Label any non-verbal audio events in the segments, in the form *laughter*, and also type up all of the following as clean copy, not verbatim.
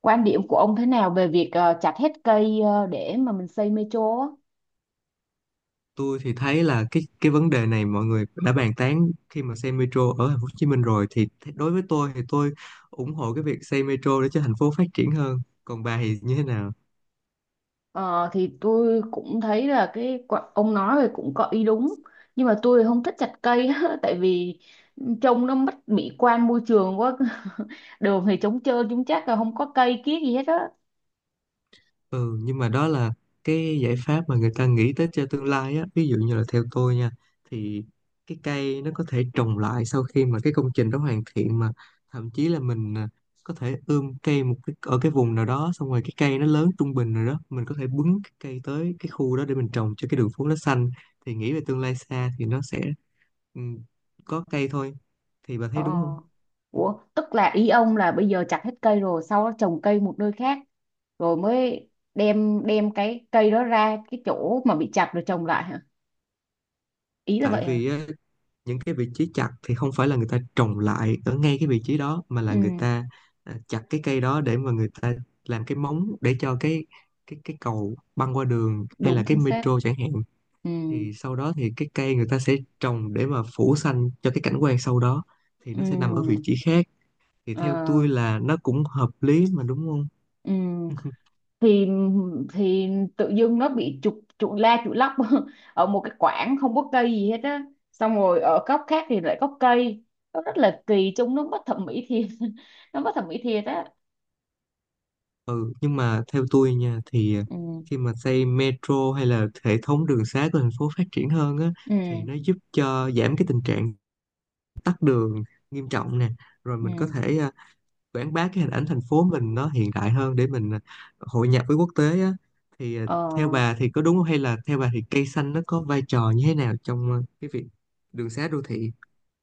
Quan điểm của ông thế nào về việc chặt hết cây để mà mình xây metro á? Tôi thì thấy là cái vấn đề này mọi người đã bàn tán khi mà xây metro ở thành phố Hồ Chí Minh rồi, thì đối với tôi thì tôi ủng hộ cái việc xây metro để cho thành phố phát triển hơn. Còn bà thì như thế nào? Ờ, thì tôi cũng thấy là ông nói thì cũng có ý đúng, nhưng mà tôi không thích chặt cây á, *laughs* tại vì trông nó mất mỹ quan môi trường quá *laughs* đường thì trống trơn, chúng chắc là không có cây kiết gì hết á. Ừ, nhưng mà đó là cái giải pháp mà người ta nghĩ tới cho tương lai á. Ví dụ như là theo tôi nha, thì cái cây nó có thể trồng lại sau khi mà cái công trình đó hoàn thiện mà, thậm chí là mình có thể ươm cây một cái, ở cái vùng nào đó xong rồi cái cây nó lớn trung bình rồi đó mình có thể bứng cái cây tới cái khu đó để mình trồng cho cái đường phố nó xanh. Thì nghĩ về tương lai xa thì nó sẽ, ừ, có cây thôi. Thì bà Ờ. thấy đúng không? Ủa, tức là ý ông là bây giờ chặt hết cây rồi sau đó trồng cây một nơi khác rồi mới đem đem cái cây đó ra cái chỗ mà bị chặt rồi trồng lại hả? Ý là Tại vậy hả? vì á, những cái vị trí chặt thì không phải là người ta trồng lại ở ngay cái vị trí đó, mà là Ừ, người ta chặt cái cây đó để mà người ta làm cái móng để cho cái cầu băng qua đường hay đúng là cái chính xác. metro chẳng hạn. Ừ. Thì sau đó thì cái cây người ta sẽ trồng để mà phủ xanh cho cái cảnh quan sau đó, thì nó sẽ nằm ở vị Ừ. trí khác. Thì Ờ. theo tôi là nó cũng hợp lý mà, đúng không? Ừ, *laughs* thì thì tự dưng nó bị trục trục la trục lắc *laughs* ở một cái quảng không có cây gì hết á, xong rồi ở góc khác thì lại có cây, nó rất là kỳ, trông nó bất thẩm mỹ thiệt *laughs* nó bất thẩm mỹ thiệt á. Ừ nhưng mà theo tôi nha thì Ừ. khi mà xây metro hay là hệ thống đường xá của thành phố phát triển hơn á, Ừ. thì nó giúp cho giảm cái tình trạng tắc đường nghiêm trọng nè, rồi mình có Ừ. thể quảng bá cái hình ảnh thành phố mình nó hiện đại hơn để mình hội nhập với quốc tế á. Thì Ờ, theo bà thì có đúng không, hay là theo bà thì cây xanh nó có vai trò như thế nào trong cái việc đường xá đô thị?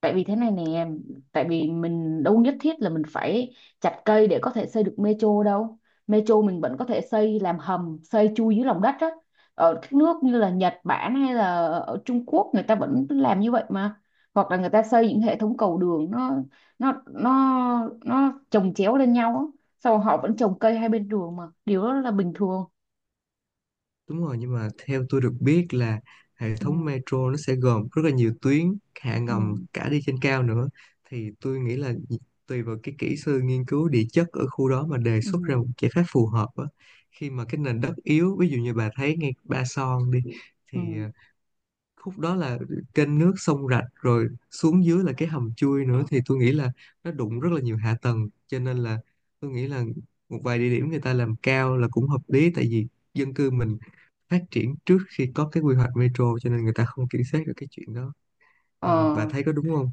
tại vì thế này nè, tại vì mình đâu nhất thiết là mình phải chặt cây để có thể xây được metro đâu. Metro mình vẫn có thể xây làm hầm, xây chui dưới lòng đất á. Ở các nước như là Nhật Bản hay là ở Trung Quốc người ta vẫn làm như vậy mà. Hoặc là người ta xây những hệ thống cầu đường, nó chồng chéo lên nhau á, sau họ vẫn trồng cây hai bên đường mà, điều đó là bình thường. Đúng rồi, nhưng mà theo tôi được biết là hệ Ừ. thống metro nó sẽ gồm rất là nhiều tuyến, hạ Ừ. ngầm cả đi trên cao nữa. Thì tôi nghĩ là tùy vào cái kỹ sư nghiên cứu địa chất ở khu đó mà đề Ừ. xuất ra một giải pháp phù hợp á. Khi mà cái nền đất yếu, ví dụ như bà thấy ngay Ba Son đi, Ừ. thì khúc đó là kênh nước sông rạch rồi xuống dưới là cái hầm chui nữa, thì tôi nghĩ là nó đụng rất là nhiều hạ tầng, cho nên là tôi nghĩ là một vài địa điểm người ta làm cao là cũng hợp lý, tại vì dân cư mình phát triển trước khi có cái quy hoạch metro, cho nên người ta không kiểm soát được cái chuyện đó. Ờ. Bà thấy có đúng không?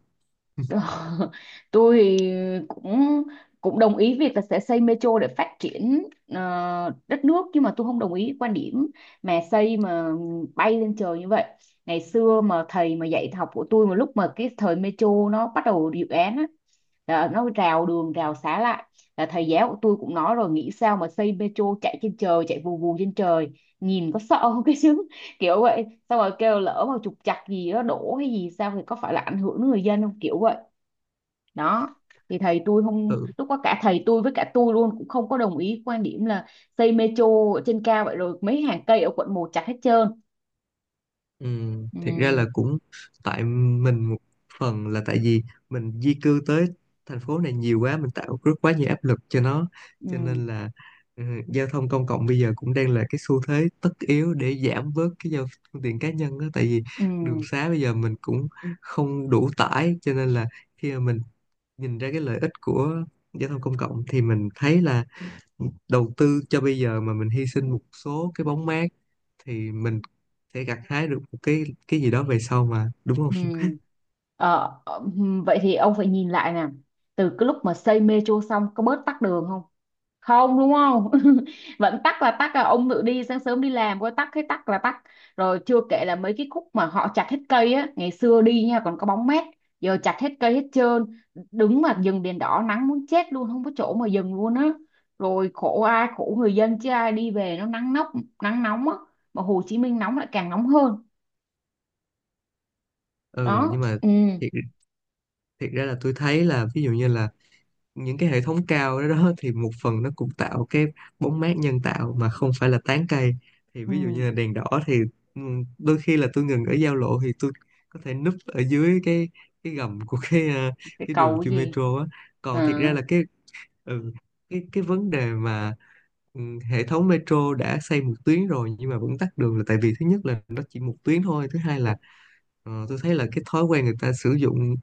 Ờ, *laughs* tôi thì cũng cũng đồng ý việc là sẽ xây metro để phát triển đất nước, nhưng mà tôi không đồng ý quan điểm mà xây mà bay lên trời như vậy. Ngày xưa mà thầy mà dạy học của tôi, mà lúc mà cái thời metro nó bắt đầu dự án á, là nó rào đường rào xá lại, là thầy giáo của tôi cũng nói rồi, nghĩ sao mà xây metro chạy trên trời, chạy vù vù trên trời, nhìn có sợ không? *laughs* Cái chứ, kiểu vậy, xong rồi kêu lỡ mà trục trặc gì đó đổ hay gì sao thì có phải là ảnh hưởng đến người dân không, kiểu vậy. Đó, thì thầy tôi không, Ừ. lúc đó cả thầy tôi với cả tôi luôn cũng không có đồng ý quan điểm là xây metro ở trên cao vậy, rồi mấy hàng cây ở quận một chặt hết trơn. Ừ, Ừ. thiệt ra là cũng tại mình, một phần là tại vì mình di cư tới thành phố này nhiều quá, mình tạo rất quá nhiều áp lực cho nó, cho Ừ. nên là, ừ, giao thông công cộng bây giờ cũng đang là cái xu thế tất yếu để giảm bớt cái giao, phương tiện cá nhân đó, tại vì Ừ. đường xá bây giờ mình cũng không đủ tải, cho nên là khi mà mình nhìn ra cái lợi ích của giao thông công cộng thì mình thấy là đầu tư cho bây giờ, mà mình hy sinh một số cái bóng mát, thì mình sẽ gặt hái được một cái gì đó về sau mà, đúng không? Ừ. *laughs* Ờ, ờ, vậy thì ông phải nhìn lại nè, từ cái lúc mà xây metro xong có bớt tắc đường không? Không, đúng không? *laughs* Vẫn tắc là tắc, là ông tự đi sáng sớm đi làm có tắc hết? Tắc là tắc. Rồi chưa kể là mấy cái khúc mà họ chặt hết cây á, ngày xưa đi nha còn có bóng mát, giờ chặt hết cây hết trơn, đứng mà dừng đèn đỏ nắng muốn chết luôn, không có chỗ mà dừng luôn á. Rồi khổ, ai khổ? Người dân chứ ai, đi về nó nắng nóng, nắng nóng á, mà Hồ Chí Minh nóng lại càng nóng hơn. Ừ Đó. nhưng mà Ừ. thiệt, thiệt ra là tôi thấy là ví dụ như là những cái hệ thống cao đó, đó thì một phần nó cũng tạo cái bóng mát nhân tạo mà không phải là tán cây. Thì ví dụ Ừ. như là đèn đỏ thì, ừ, đôi khi là tôi ngừng ở giao lộ thì tôi có thể núp ở dưới cái gầm của cái Cái cái đường cầu cái chui gì. metro á. À. Còn thiệt ra là cái, ừ. cái vấn đề mà, ừ, hệ thống metro đã xây một tuyến rồi nhưng mà vẫn tắc đường là tại vì thứ nhất là nó chỉ một tuyến thôi, thứ hai là tôi thấy là cái thói quen người ta sử dụng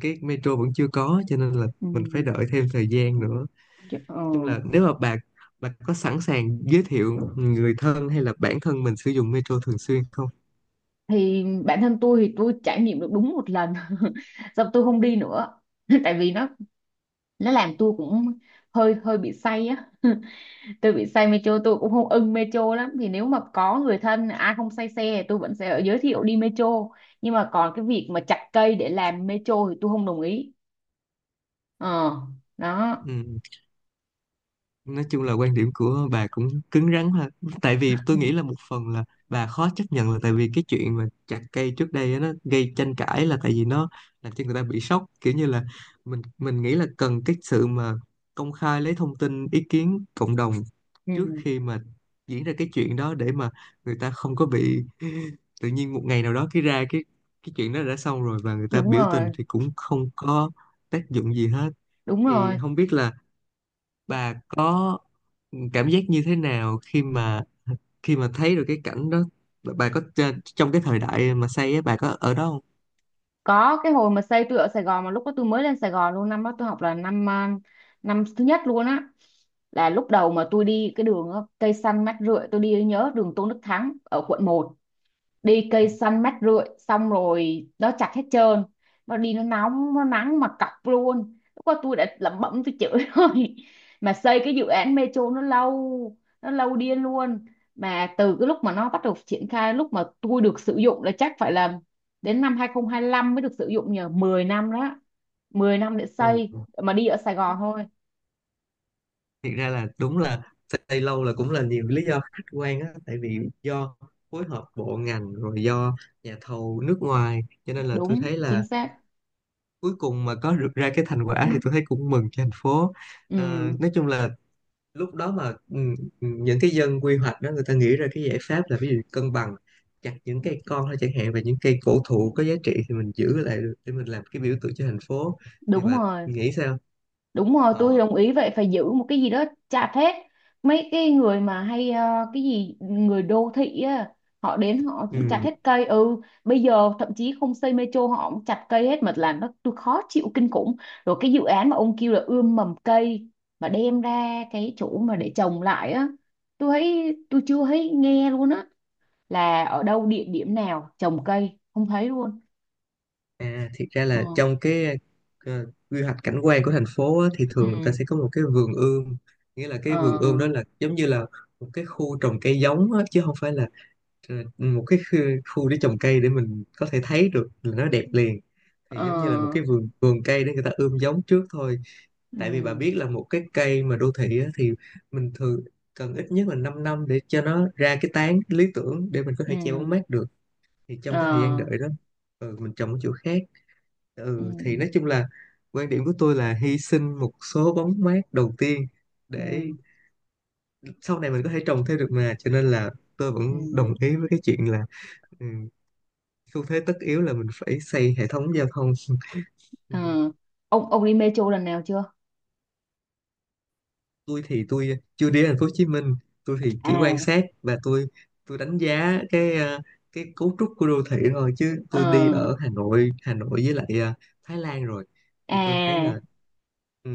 cái metro vẫn chưa có, cho nên là Ừ. mình phải đợi thêm thời gian nữa. Nói Kiểu. Ờ. chung là nếu mà bà có sẵn sàng giới thiệu người thân hay là bản thân mình sử dụng metro thường xuyên không? Thì bản thân tôi thì tôi trải nghiệm được đúng một lần *laughs* xong tôi không đi nữa *laughs* tại vì nó làm tôi cũng hơi hơi bị say á *laughs* tôi bị say metro, tôi cũng không ưng metro lắm, thì nếu mà có người thân ai không say xe thì tôi vẫn sẽ giới thiệu đi metro, nhưng mà còn cái việc mà chặt cây để làm metro thì tôi không đồng ý. Ờ. Đó. Ừ. Nói chung là quan điểm của bà cũng cứng rắn ha. Tại vì tôi nghĩ là *laughs* một phần là bà khó chấp nhận là tại vì cái chuyện mà chặt cây trước đây á, nó gây tranh cãi là tại vì nó làm cho người ta bị sốc, kiểu như là mình nghĩ là cần cái sự mà công khai lấy thông tin ý kiến cộng đồng trước Ừ, khi mà diễn ra cái chuyện đó, để mà người ta không có bị *laughs* tự nhiên một ngày nào đó cái ra cái chuyện đó đã xong rồi và người ta đúng biểu tình rồi, thì cũng không có tác dụng gì hết. đúng Thì rồi, không biết là bà có cảm giác như thế nào khi mà, khi mà thấy được cái cảnh đó. Bà có trong cái thời đại mà xây á bà có ở đó không? có cái hồi mà xây tôi ở Sài Gòn, mà lúc đó tôi mới lên Sài Gòn luôn, năm đó tôi học là năm à, năm thứ nhất luôn á, là lúc đầu mà tôi đi cái đường á, cây xanh mát rượi, tôi đi nhớ đường Tôn Đức Thắng ở quận một, đi cây xanh mát rượi, xong rồi nó chặt hết trơn, nó đi nó nóng nó nắng mà cọc luôn, lúc đó tôi đã lẩm bẩm tôi chửi *laughs* rồi, mà xây cái dự án metro nó lâu, nó lâu điên luôn, mà từ cái lúc mà nó bắt đầu triển khai lúc mà tôi được sử dụng là chắc phải là đến năm 2025 mới được sử dụng, nhờ 10 năm đó, 10 năm để Ừ. xây mà đi ở Sài Gòn thôi. Thiệt ra là đúng là xây lâu là cũng là nhiều lý do khách quan á, tại vì do phối hợp bộ ngành, rồi do nhà thầu nước ngoài, cho nên là tôi Đúng thấy chính là xác. cuối cùng mà có được ra cái thành quả thì tôi thấy cũng mừng cho thành phố. Ờ, Ừ. nói chung là lúc đó mà, những cái dân quy hoạch đó người ta nghĩ ra cái giải pháp là ví dụ cân bằng, chặt những cây con thôi chẳng hạn, và những cây cổ thụ có giá trị thì mình giữ lại để mình làm cái biểu tượng cho thành phố. Thì Đúng bà rồi. nghĩ sao? Đúng rồi, tôi Ờ. đồng ý, vậy phải giữ một cái gì đó, chặt hết. Mấy cái người mà hay cái gì, người đô thị á, họ đến họ chặt Ừ. hết cây. Ừ, bây giờ thậm chí không xây metro họ cũng chặt cây hết, mà làm nó tôi khó chịu kinh khủng. Rồi cái dự án mà ông kêu là ươm mầm cây mà đem ra cái chỗ mà để trồng lại á, tôi thấy tôi chưa thấy nghe luôn á, là ở đâu địa điểm nào trồng cây không thấy luôn. À, thiệt ra Ờ. là trong cái quy hoạch cảnh quan của thành phố á, thì thường người ta Ừ. sẽ có một cái vườn ươm, nghĩa là Ờ. cái vườn ươm đó là giống như là một cái khu trồng cây giống á, chứ không phải là một cái khu, khu để trồng cây để mình có thể thấy được là nó đẹp liền. Ờ. Thì giống như là một cái vườn vườn cây để người ta ươm giống trước thôi. Tại vì bà Ừ. biết là một cái cây mà đô thị á, thì mình thường cần ít nhất là 5 năm để cho nó ra cái tán lý tưởng để mình có Ừ. thể che bóng mát được. Thì Ờ. trong cái thời gian đợi đó, mình trồng ở chỗ khác. Ừ. Thì nói chung là quan điểm của tôi là hy sinh một số bóng mát đầu tiên để Ừ. sau này mình có thể trồng thêm được mà, cho nên là tôi vẫn Ừ. đồng ý với cái chuyện là, ừ, xu thế tất yếu là mình phải xây hệ thống giao thông. Ờ, *laughs* ông đi metro lần nào chưa? Tôi thì tôi chưa đi thành phố Hồ Chí Minh, tôi thì chỉ quan À. sát và tôi đánh giá cái cái cấu trúc của đô thị thôi, chứ tôi đi Ờ. ở Hà Nội với lại Thái Lan rồi. Thì tôi thấy À. là, ừ.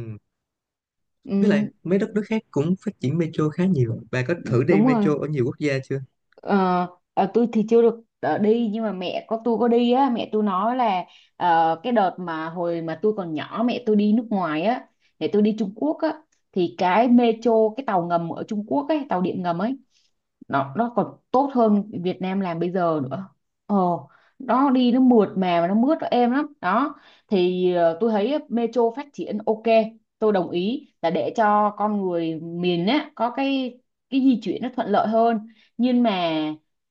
Với lại Ừ, mấy đất nước khác cũng phát triển metro khá nhiều. Bà có thử đi đúng rồi. metro ở nhiều quốc gia chưa? Ờ. Ờ, tôi thì chưa được đi, nhưng mà mẹ có tôi có đi á, mẹ tôi nói là cái đợt mà hồi mà tôi còn nhỏ mẹ tôi đi nước ngoài á, mẹ tôi đi Trung Quốc á, thì cái metro, cái tàu ngầm ở Trung Quốc ấy, tàu điện ngầm ấy, nó còn tốt hơn Việt Nam làm bây giờ nữa. Ờ, nó đi nó mượt mà và nó mướt, nó êm lắm đó. Thì tôi thấy metro phát triển ok, tôi đồng ý là để cho con người miền á có cái di chuyển nó thuận lợi hơn, nhưng mà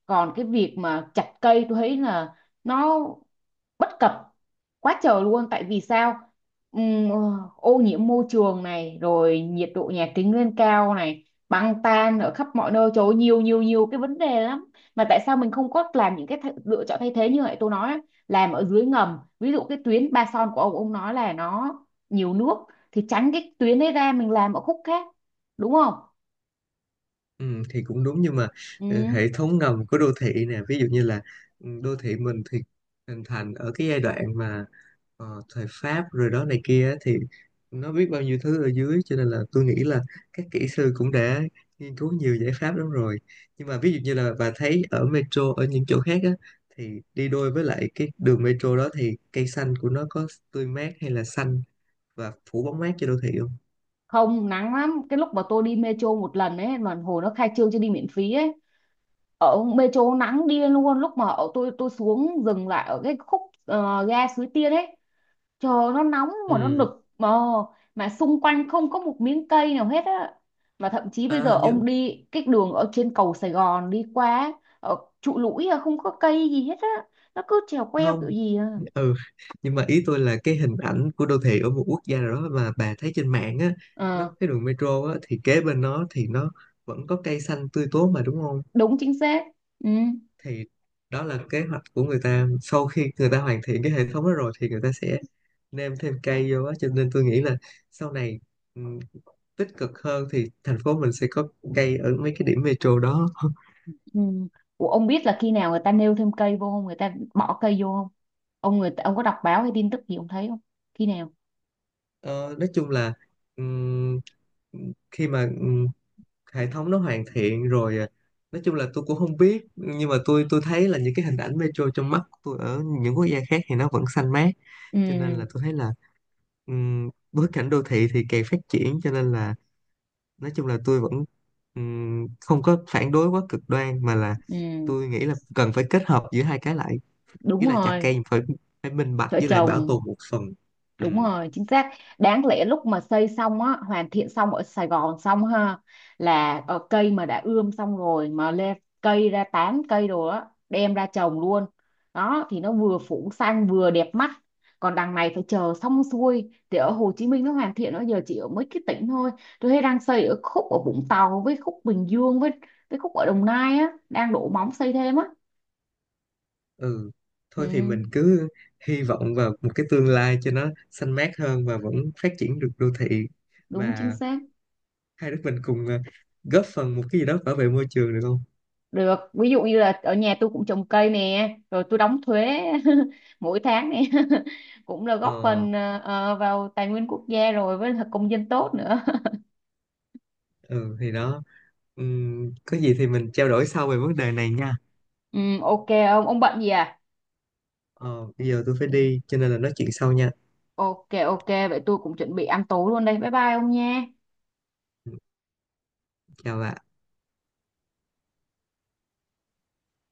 còn cái việc mà chặt cây tôi thấy là nó bất cập quá trời luôn, tại vì sao? Ừm, ờ, ô nhiễm môi trường này, rồi nhiệt độ nhà kính lên cao này, băng tan ở khắp mọi nơi, trời ơi, nhiều nhiều nhiều cái vấn đề lắm, mà tại sao mình không có làm những cái lựa chọn thay thế như vậy, tôi nói á, làm ở dưới ngầm, ví dụ cái tuyến Ba Son của ông nói là nó nhiều nước thì tránh cái tuyến đấy ra, mình làm ở khúc khác, đúng không? Ừ, thì cũng đúng nhưng mà, Ừ. hệ thống ngầm của đô thị nè, ví dụ như là, đô thị mình thì hình thành ở cái giai đoạn mà thời Pháp rồi đó này kia á, thì nó biết bao nhiêu thứ ở dưới, cho nên là tôi nghĩ là các kỹ sư cũng đã nghiên cứu nhiều giải pháp lắm rồi. Nhưng mà ví dụ như là bà thấy ở metro ở những chỗ khác á, thì đi đôi với lại cái đường metro đó thì cây xanh của nó có tươi mát hay là xanh và phủ bóng mát cho đô thị không? Không, nắng lắm, cái lúc mà tôi đi metro một lần ấy mà hồi nó khai trương cho đi miễn phí ấy, ở metro nắng điên luôn, lúc mà ở tôi xuống dừng lại ở cái khúc ga Suối Tiên ấy, trời ơi, nó nóng mà nó Ừ. nực mà xung quanh không có một miếng cây nào hết á, mà thậm chí bây giờ À, như ông đi cái đường ở trên cầu Sài Gòn đi qua, ở trụ lũi à, không có cây gì hết á, nó cứ trèo queo không. kiểu gì à. ừ nhưng mà ý tôi là cái hình ảnh của đô thị ở một quốc gia nào đó mà bà thấy trên mạng á, nó Ờ, có cái đường metro á thì kế bên nó thì nó vẫn có cây xanh tươi tốt mà, đúng không? đúng chính xác. Ừ. Thì đó là kế hoạch của người ta sau khi người ta hoàn thiện cái hệ thống đó rồi, thì người ta sẽ nêm thêm cây vô á. Cho nên tôi nghĩ là sau này, ừ, tích cực hơn thì thành phố mình sẽ có cây ở mấy cái điểm metro đó. *laughs* Ừ. Ủa, ông biết là khi nào người ta nêu thêm cây vô không, người ta bỏ cây vô không? Ông người ta, ông có đọc báo hay tin tức gì ông thấy không, khi nào? Ờ, nói chung là, ừm, khi mà hệ thống nó hoàn thiện rồi nói chung là tôi cũng không biết, nhưng mà tôi thấy là những cái hình ảnh metro trong mắt của tôi ở những quốc gia khác thì nó vẫn xanh mát, cho nên Ừ. là tôi thấy là, bối cảnh đô thị thì càng phát triển, cho nên là nói chung là tôi vẫn, không có phản đối quá cực đoan, mà là Ừ, tôi nghĩ là cần phải kết hợp giữa hai cái lại, đúng với là chặt rồi, cây phải phải minh bạch vợ với lại bảo chồng, tồn một phần. Ừ. đúng rồi, chính xác. Đáng lẽ lúc mà xây xong á, hoàn thiện xong ở Sài Gòn xong ha, là cây mà đã ươm xong rồi mà lên cây ra tán cây rồi á, đem ra trồng luôn. Đó thì nó vừa phủ xanh vừa đẹp mắt. Còn đằng này phải chờ xong xuôi thì ở Hồ Chí Minh nó hoàn thiện nó giờ chỉ ở mấy cái tỉnh thôi. Tôi thấy đang xây ở khúc ở Vũng Tàu, với khúc Bình Dương, với khúc ở Đồng Nai á, đang đổ móng xây thêm á. ừ Ừ, Thôi thì mình cứ hy vọng vào một cái tương lai cho nó xanh mát hơn và vẫn phát triển được đô thị, đúng chính và xác. hai đứa mình cùng góp phần một cái gì đó bảo vệ môi trường được không? Được, ví dụ như là ở nhà tôi cũng trồng cây nè, rồi tôi đóng thuế *laughs* mỗi tháng nè *laughs* cũng là góp Ờ. phần vào tài nguyên quốc gia rồi, với là công dân tốt nữa. Ừ, thì đó. Có gì thì mình trao đổi sau về vấn đề này nha. *laughs* Ừ, ok, ông bận gì à? Ờ, bây giờ tôi phải đi cho nên là nói chuyện sau nha. Ok, ok, vậy tôi cũng chuẩn bị ăn tối luôn đây, bye bye ông nha. Ừ, chào bạn.